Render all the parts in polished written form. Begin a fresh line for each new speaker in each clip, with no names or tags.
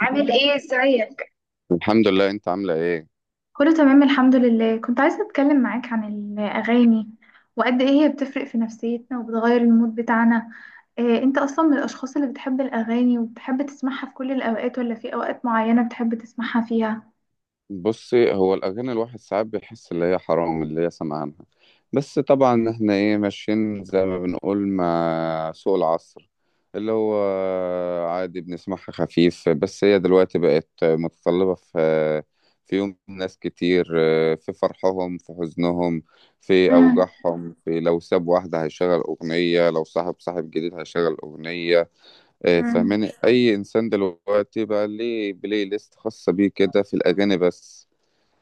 عامل ايه؟ ازيك؟
الحمد لله. انت عاملة ايه؟
كله تمام الحمد لله. كنت عايزة أتكلم معاك عن الأغاني وقد إيه هي بتفرق في نفسيتنا وبتغير المود بتاعنا. إيه، أنت أصلا من الأشخاص اللي بتحب الأغاني وبتحب تسمعها في كل الأوقات ولا في أوقات معينة بتحب تسمعها فيها؟
بصي، هو الاغاني الواحد ساعات بيحس اللي هي حرام اللي هي سمعانها. بس طبعا احنا ايه ماشيين زي ما بنقول مع سوق العصر، اللي هو عادي بنسمعها خفيف، بس هي دلوقتي بقت متطلبة في يوم ناس كتير، في فرحهم، في حزنهم، في
مم.
اوجاعهم، في لو ساب واحدة هيشغل اغنية، لو صاحب صاحب جديد هيشغل اغنية.
مم.
فاهماني؟ اي انسان دلوقتي بقى ليه بلاي ليست خاصه بيه كده في الاغاني بس.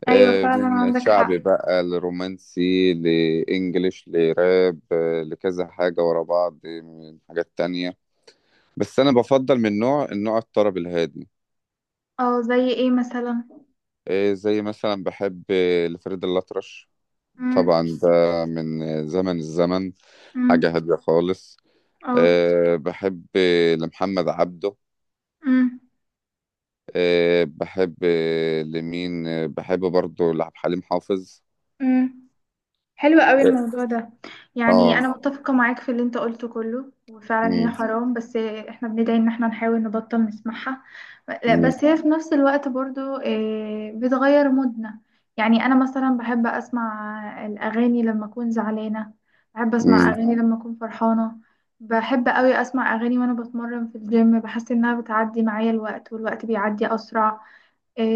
ايوه فعلا
من
عندك حق.
شعبي بقى، لرومانسي، لانجليش، لراب، لكذا حاجه ورا بعض، من حاجات تانية. بس انا بفضل من النوع الطرب الهادي.
اه، زي إيه مثلا؟
زي مثلا بحب لفريد الأطرش.
مم.
طبعا ده من الزمن.
مم.
حاجه هاديه خالص.
اه.
بحب لمحمد عبده.
مم.
بحب لمين بحب برضو لعب حليم حافظ.
مم. حلو قوي الموضوع ده. يعني
اه.
انا متفقة معاك في اللي انت قلته كله وفعلا هي
امم.
حرام، بس احنا بندعي ان احنا نحاول نبطل نسمعها. لا
امم.
بس هي في نفس الوقت برضو بتغير مودنا. يعني انا مثلا بحب اسمع الاغاني لما اكون زعلانة. بحب اسمع
امم.
اغاني لما اكون فرحانة. بحب قوي اسمع اغاني وانا بتمرن في الجيم، بحس انها بتعدي معايا الوقت والوقت بيعدي اسرع.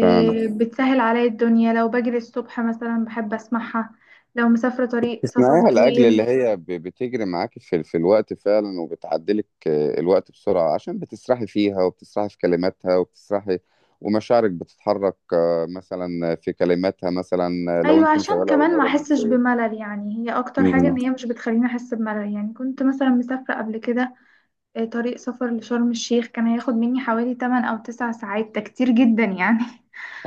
فعلا.
بتسهل عليا الدنيا. لو بجري الصبح مثلا بحب اسمعها. لو مسافرة طريق سفر
تسمعيها لأجل اللي
طويل.
هي بتجري معاكي في الوقت فعلا، وبتعدلك الوقت بسرعة عشان بتسرحي فيها وبتسرحي في كلماتها وبتسرحي. ومشاعرك بتتحرك مثلا في كلماتها مثلا. لو
ايوه،
انت
عشان
مشغلة أغنية
كمان ما احسش
رومانسية.
بملل. يعني هي اكتر حاجة
امم.
ان هي مش بتخليني احس بملل. يعني كنت مثلا مسافرة قبل كده، طريق سفر لشرم الشيخ. كان هياخد مني حوالي 8 او 9 ساعات، ده كتير جدا يعني.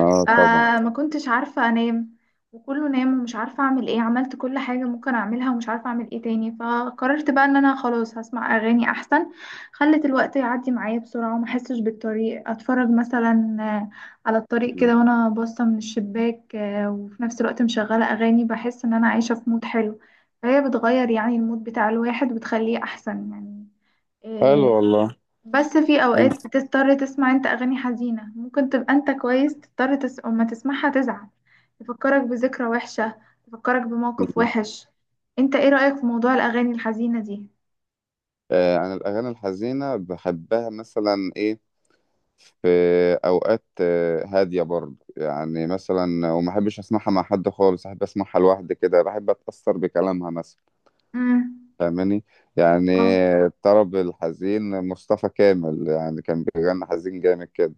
اه، طبعا.
ما كنتش عارفة انام. وكله نام ومش عارفة اعمل ايه. عملت كل حاجة ممكن اعملها ومش عارفة اعمل ايه تاني، فقررت بقى ان انا خلاص هسمع اغاني احسن. خلت الوقت يعدي معايا بسرعة وما احسش بالطريق. اتفرج مثلا على الطريق
مم.
كده وانا باصة من الشباك، وفي نفس الوقت مشغلة اغاني. بحس ان انا عايشة في مود حلو. فهي بتغير يعني المود بتاع الواحد وبتخليه احسن يعني.
حلو
آه،
والله.
بس في
انت.
اوقات بتضطر تسمع انت اغاني حزينة. ممكن تبقى انت كويس، تضطر اما تسمعها تزعل. تفكرك بذكرى وحشة. تفكرك بموقف
مم.
وحش. انت ايه رأيك في موضوع الاغاني الحزينة دي؟
انا الاغاني الحزينه بحبها، مثلا، ايه، في أوقات هادية برضه، يعني مثلا، وما أحبش أسمعها مع حد خالص، أحب أسمعها لوحدي كده، بحب أتأثر بكلامها مثلا.
امم.
فاهماني؟ يعني.
اه،
الطرب الحزين، مصطفى كامل يعني، كان بيغني حزين جامد كده.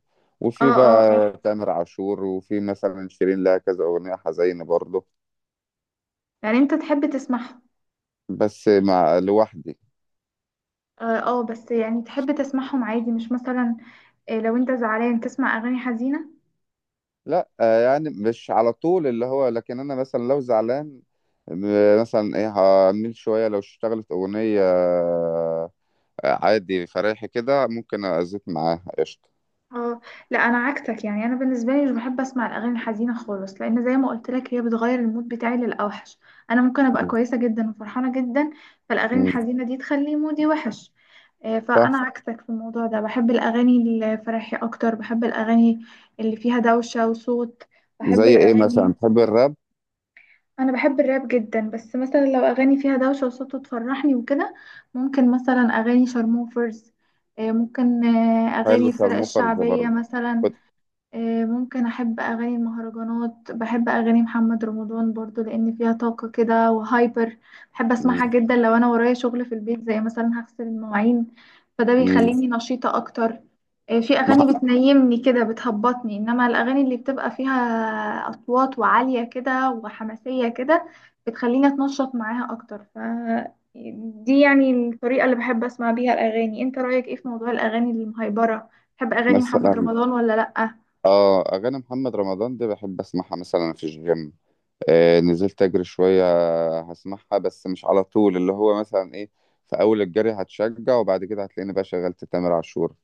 اه،
وفي
اه. اه،
بقى تامر عاشور، وفي مثلا شيرين، لها كذا أغنية حزينة برضه.
يعني انت تحب تسمعهم.
بس مع لوحدي.
اه، بس يعني تحب تسمعهم عادي مش مثلا. إيه، لو انت زعلان تسمع اغاني حزينة.
لا، يعني مش على طول اللي هو، لكن انا مثلا لو زعلان، مثلا ايه هعمل شويه، لو اشتغلت اغنيه عادي فريحي كده ممكن ازيت معاها قشطه.
اه. لا، انا عكسك. يعني انا بالنسبه لي مش بحب اسمع الاغاني الحزينه خالص، لان زي ما قلت لك هي بتغير المود بتاعي للاوحش. انا ممكن ابقى كويسه جدا وفرحانه جدا، فالاغاني
مم،
الحزينه دي تخلي مودي وحش. فانا
صح.
عكسك في الموضوع ده. بحب الاغاني الفرايحي اكتر. بحب الاغاني اللي فيها دوشه وصوت. بحب
زي ايه
الاغاني.
مثلا؟ تحب الراب؟
انا بحب الراب جدا بس مثلا لو اغاني فيها دوشه وصوت تفرحني وكده. ممكن مثلا اغاني شارموفرز. ممكن
حلو،
اغاني الفرق
شارموفرز
الشعبيه
برضه.
مثلا.
كنت-
ممكن احب اغاني المهرجانات. بحب اغاني محمد رمضان برضو لان فيها طاقة كده وهايبر. بحب
مم.
اسمعها جدا لو انا ورايا شغل في البيت زي مثلا هغسل المواعين، فده
مم.
بيخليني نشيطة اكتر. في اغاني
مح-
بتنيمني كده، بتهبطني، انما الاغاني اللي بتبقى فيها اصوات وعالية كده وحماسية كده بتخليني اتنشط معاها اكتر. ف دي يعني الطريقة اللي بحب اسمع بيها الاغاني. انت رايك ايه في موضوع الاغاني المهيبرة؟ بتحب اغاني محمد
مثلا.
رمضان ولا لأ؟
اه، اغاني محمد رمضان دي بحب اسمعها مثلا في الجيم. نزلت اجري شويه هسمعها، بس مش على طول اللي هو، مثلا ايه. في اول الجري هتشجع، وبعد كده هتلاقيني بقى شغلت تامر عاشور،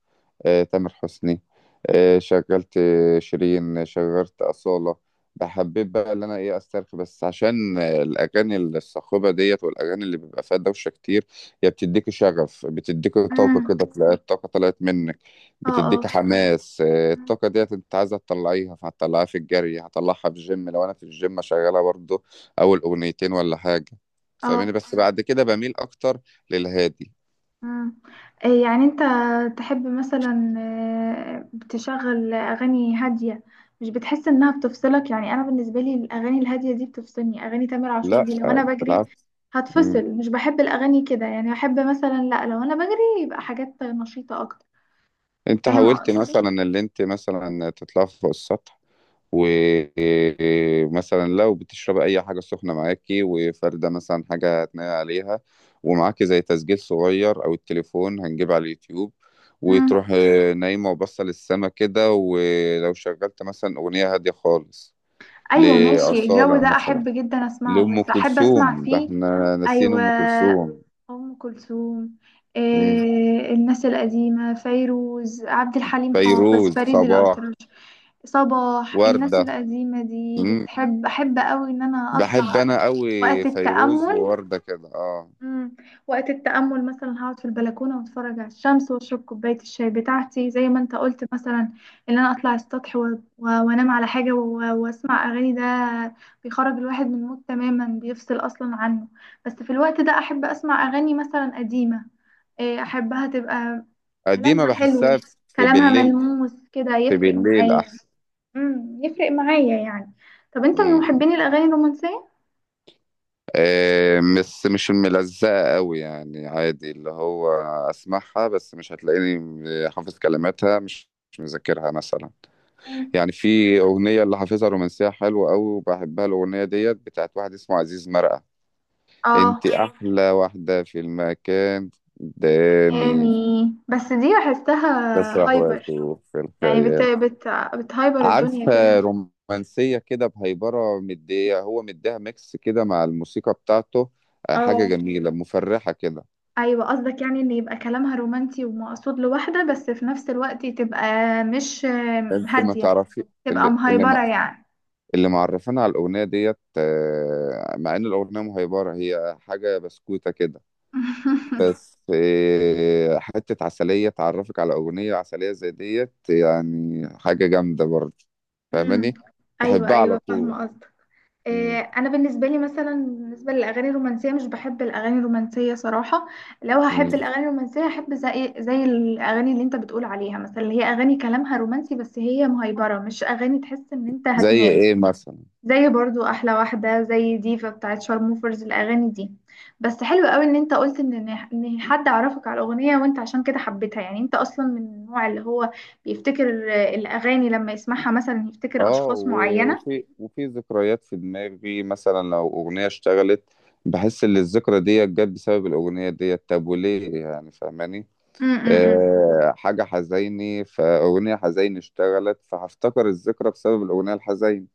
تامر حسني، شغلت شيرين، شغلت أصالة. بحبيت بقى اللي انا ايه، استرخي بس، عشان الاغاني الصاخبه ديت والاغاني اللي بيبقى فيها دوشه كتير، هي بتديك شغف، بتديك طاقه
امم.
كده، تلاقي الطاقه طلعت منك.
اه،
بتديك
اه.
حماس.
مم.
الطاقة ديت انت عايزة تطلعيها، فهتطلعيها في الجري، هطلعها في الجيم لو انا في الجيم شغالة برضو اول اغنيتين ولا حاجة. فاهمني؟
اه.
بس بعد كده بميل اكتر للهادي.
امم. إيه يعني انت تحب مثلا تشغل اغاني هاديه؟ مش بتحس انها بتفصلك؟ يعني انا بالنسبه لي الاغاني الهاديه دي بتفصلني. اغاني تامر عاشور
لا،
دي لو انا بجري
بالعكس. مم.
هتفصل. مش بحب الاغاني كده يعني. احب مثلا، لا، لو انا بجري يبقى حاجات نشيطه اكتر.
انت
فاهم
حاولت
قصدي.
مثلا اللي انت مثلا تطلع فوق السطح، ومثلا لو بتشرب اي حاجه سخنه معاكي وفارده مثلا حاجه هتنقي عليها، ومعاكي زي تسجيل صغير او التليفون هنجيب على اليوتيوب، وتروح
امم.
نايمه وبصه للسما كده، ولو شغلت مثلا اغنيه هاديه خالص
ايوه ماشي، الجو
لاصاله
ده
مثلا،
احب جدا اسمعه.
لام
بس احب اسمع
كلثوم! ده
فيه.
احنا ناسيين
ايوه،
ام كلثوم.
أم كلثوم.
مم.
الناس القديمة، فيروز، عبد الحليم حافظ،
فيروز،
فريد
صباح،
الأطرش، صباح. الناس
ورده.
القديمة دي
مم.
بتحب. أحب أوي إن أنا
بحب
أطلع
انا
وقت
قوي فيروز
التأمل.
ووردة كده، اه.
مم. وقت التأمل مثلا هقعد في البلكونة واتفرج على الشمس واشرب كوباية الشاي بتاعتي، زي ما انت قلت مثلا. ان انا اطلع السطح وانام على حاجة واسمع اغاني. ده بيخرج الواحد من المود تماما، بيفصل اصلا عنه. بس في الوقت ده احب اسمع اغاني مثلا قديمة. إيه، احبها تبقى
قديمة
كلامها
بحسها
حلو.
في
كلامها
بالليل.
ملموس كده،
في
يفرق
بالليل
معايا.
احسن.
امم، يفرق معايا يعني. طب انت من
مم.
محبين الاغاني الرومانسية؟
بس مش ملزقة قوي، يعني عادي اللي هو، اسمعها بس مش هتلاقيني حافظ كلماتها، مش مذاكرها مثلا.
مم.
يعني في أغنية اللي حافظها رومانسية حلوة قوي وبحبها، الأغنية ديت بتاعت واحد اسمه عزيز مرقة.
اه،
انت أحلى واحدة في المكان قدامي،
يعني بس دي بحسها
بسرح
هايبر.
وأتوه في
يعني بت
الخيال.
بت بتهايبر
عارف،
الدنيا كده.
رومانسية كده بهيبرة، مدية هو مديها ميكس كده مع الموسيقى بتاعته. حاجة
اه،
جميلة مفرحة كده.
ايوه قصدك يعني ان يبقى كلامها رومانسي ومقصود لواحده، بس في نفس الوقت تبقى مش
انت ما
هاديه،
تعرفي.
تبقى
اللي اللي ما
مهايبره يعني.
اللي معرفانا على الأغنية ديت، مع إن الأغنية مهيبرة هي حاجة بسكوتة كده. بس حتة عسلية تعرفك على أغنية عسلية زي ديت يعني حاجة جامدة برضه.
امم.
فاهماني؟
ايوه
تحبها على
ايوه،
طول.
فاهمه قصدك.
مم.
انا بالنسبه لي مثلا، بالنسبه للاغاني الرومانسيه مش بحب الاغاني الرومانسيه صراحه. لو هحب
مم.
الاغاني الرومانسيه هحب زي الاغاني اللي انت بتقول عليها مثلا، اللي هي اغاني كلامها رومانسي بس هي مهيبره، مش اغاني تحس ان انت
زي
هتنام.
إيه مثلا؟
زي برضو احلى واحده، زي ديفا بتاعت شارموفرز، الاغاني دي. بس حلو قوي ان انت قلت ان ان إن حد عرفك على الاغنيه وانت عشان كده حبيتها. يعني انت اصلا من النوع اللي هو بيفتكر الاغاني لما يسمعها مثلا يفتكر
اه،
اشخاص معينه.
وفي ذكريات في دماغي مثلا لو أغنية اشتغلت، بحس إن الذكرى ديت جت بسبب الأغنية ديت. طب وليه يعني؟ فاهماني؟
امم.
حاجة حزيني، فأغنية حزيني اشتغلت، فهفتكر الذكرى بسبب الأغنية الحزيني.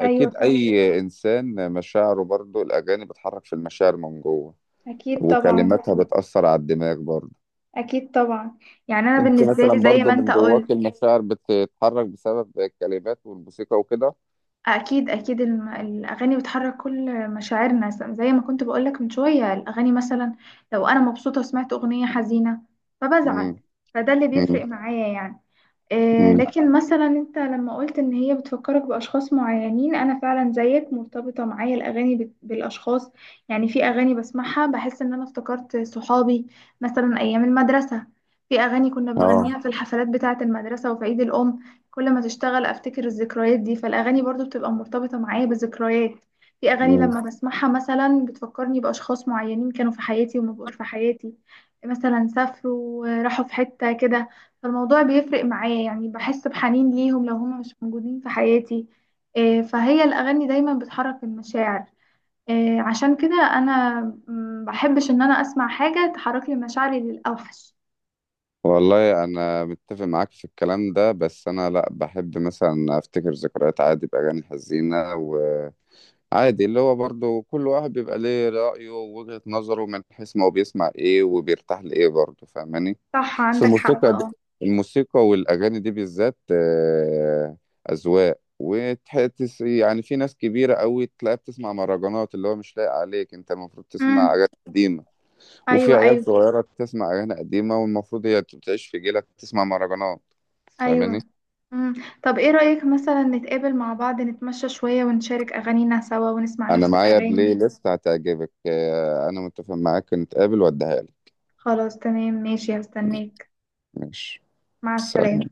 ايوه صح.
أي إنسان مشاعره برضو الأغاني بتحرك في المشاعر من جوه،
أكيد طبعا.
وكلماتها بتأثر على الدماغ برضو.
أكيد طبعا. يعني أنا
أنت
بالنسبة
مثلا
لي زي
برضو
ما أنت
من
قلت،
جواك المشاعر بتتحرك بسبب الكلمات والموسيقى وكده.
أكيد أكيد الأغاني بتحرك كل مشاعرنا. زي ما كنت بقولك من شوية، الأغاني مثلا لو أنا مبسوطة وسمعت أغنية حزينة فبزعل،
مم.
فده اللي بيفرق معايا يعني.
مم.
لكن مثلا انت لما قلت ان هي بتفكرك باشخاص معينين، انا فعلا زيك مرتبطه معايا الاغاني بالاشخاص. يعني في اغاني بسمعها بحس ان انا افتكرت صحابي مثلا ايام المدرسه. في اغاني كنا
اه.
بنغنيها في الحفلات بتاعه المدرسه وفي عيد الام، كل ما تشتغل افتكر الذكريات دي. فالاغاني برضو بتبقى مرتبطه معايا بذكريات. في اغاني
مم.
لما بسمعها مثلا بتفكرني باشخاص معينين كانوا في حياتي وما بقوش في حياتي، مثلا سافروا راحوا في حته كده. فالموضوع بيفرق معايا يعني، بحس بحنين ليهم لو هم مش موجودين في حياتي. فهي الأغاني دايما بتحرك المشاعر. عشان كده أنا بحبش إن أنا أسمع حاجة تحرك لي مشاعري للأوحش.
والله انا متفق معاك في الكلام ده، بس انا لا، بحب مثلا افتكر ذكريات عادي باغاني حزينه. وعادي اللي هو، برضو كل واحد بيبقى ليه رايه ووجهه نظره من حيث ما هو بيسمع ايه وبيرتاح لايه برضو. فاهماني؟
صح
في
عندك حق.
الموسيقى دي،
اه.
الموسيقى والاغاني دي بالذات اذواق وتحس، يعني في ناس كبيره قوي تلاقيها بتسمع مهرجانات اللي هو مش لايق عليك، انت المفروض تسمع
امم.
اغاني قديمه. وفي
أيوه
عيال
أيوه.
صغيرة بتسمع أغاني قديمة، والمفروض هي تعيش في جيلك تسمع مهرجانات. فاهماني؟
أيوه. امم. طب إيه رأيك مثلا نتقابل مع بعض، نتمشى شوية ونشارك أغانينا سوا ونسمع
أنا
نفس
معايا بلاي
الأغاني؟
ليست هتعجبك. أنا متفق معاك، نتقابل وأديها لك.
خلاص تمام ماشي، هستناك.
ماشي.
مع السلامة.
سلام.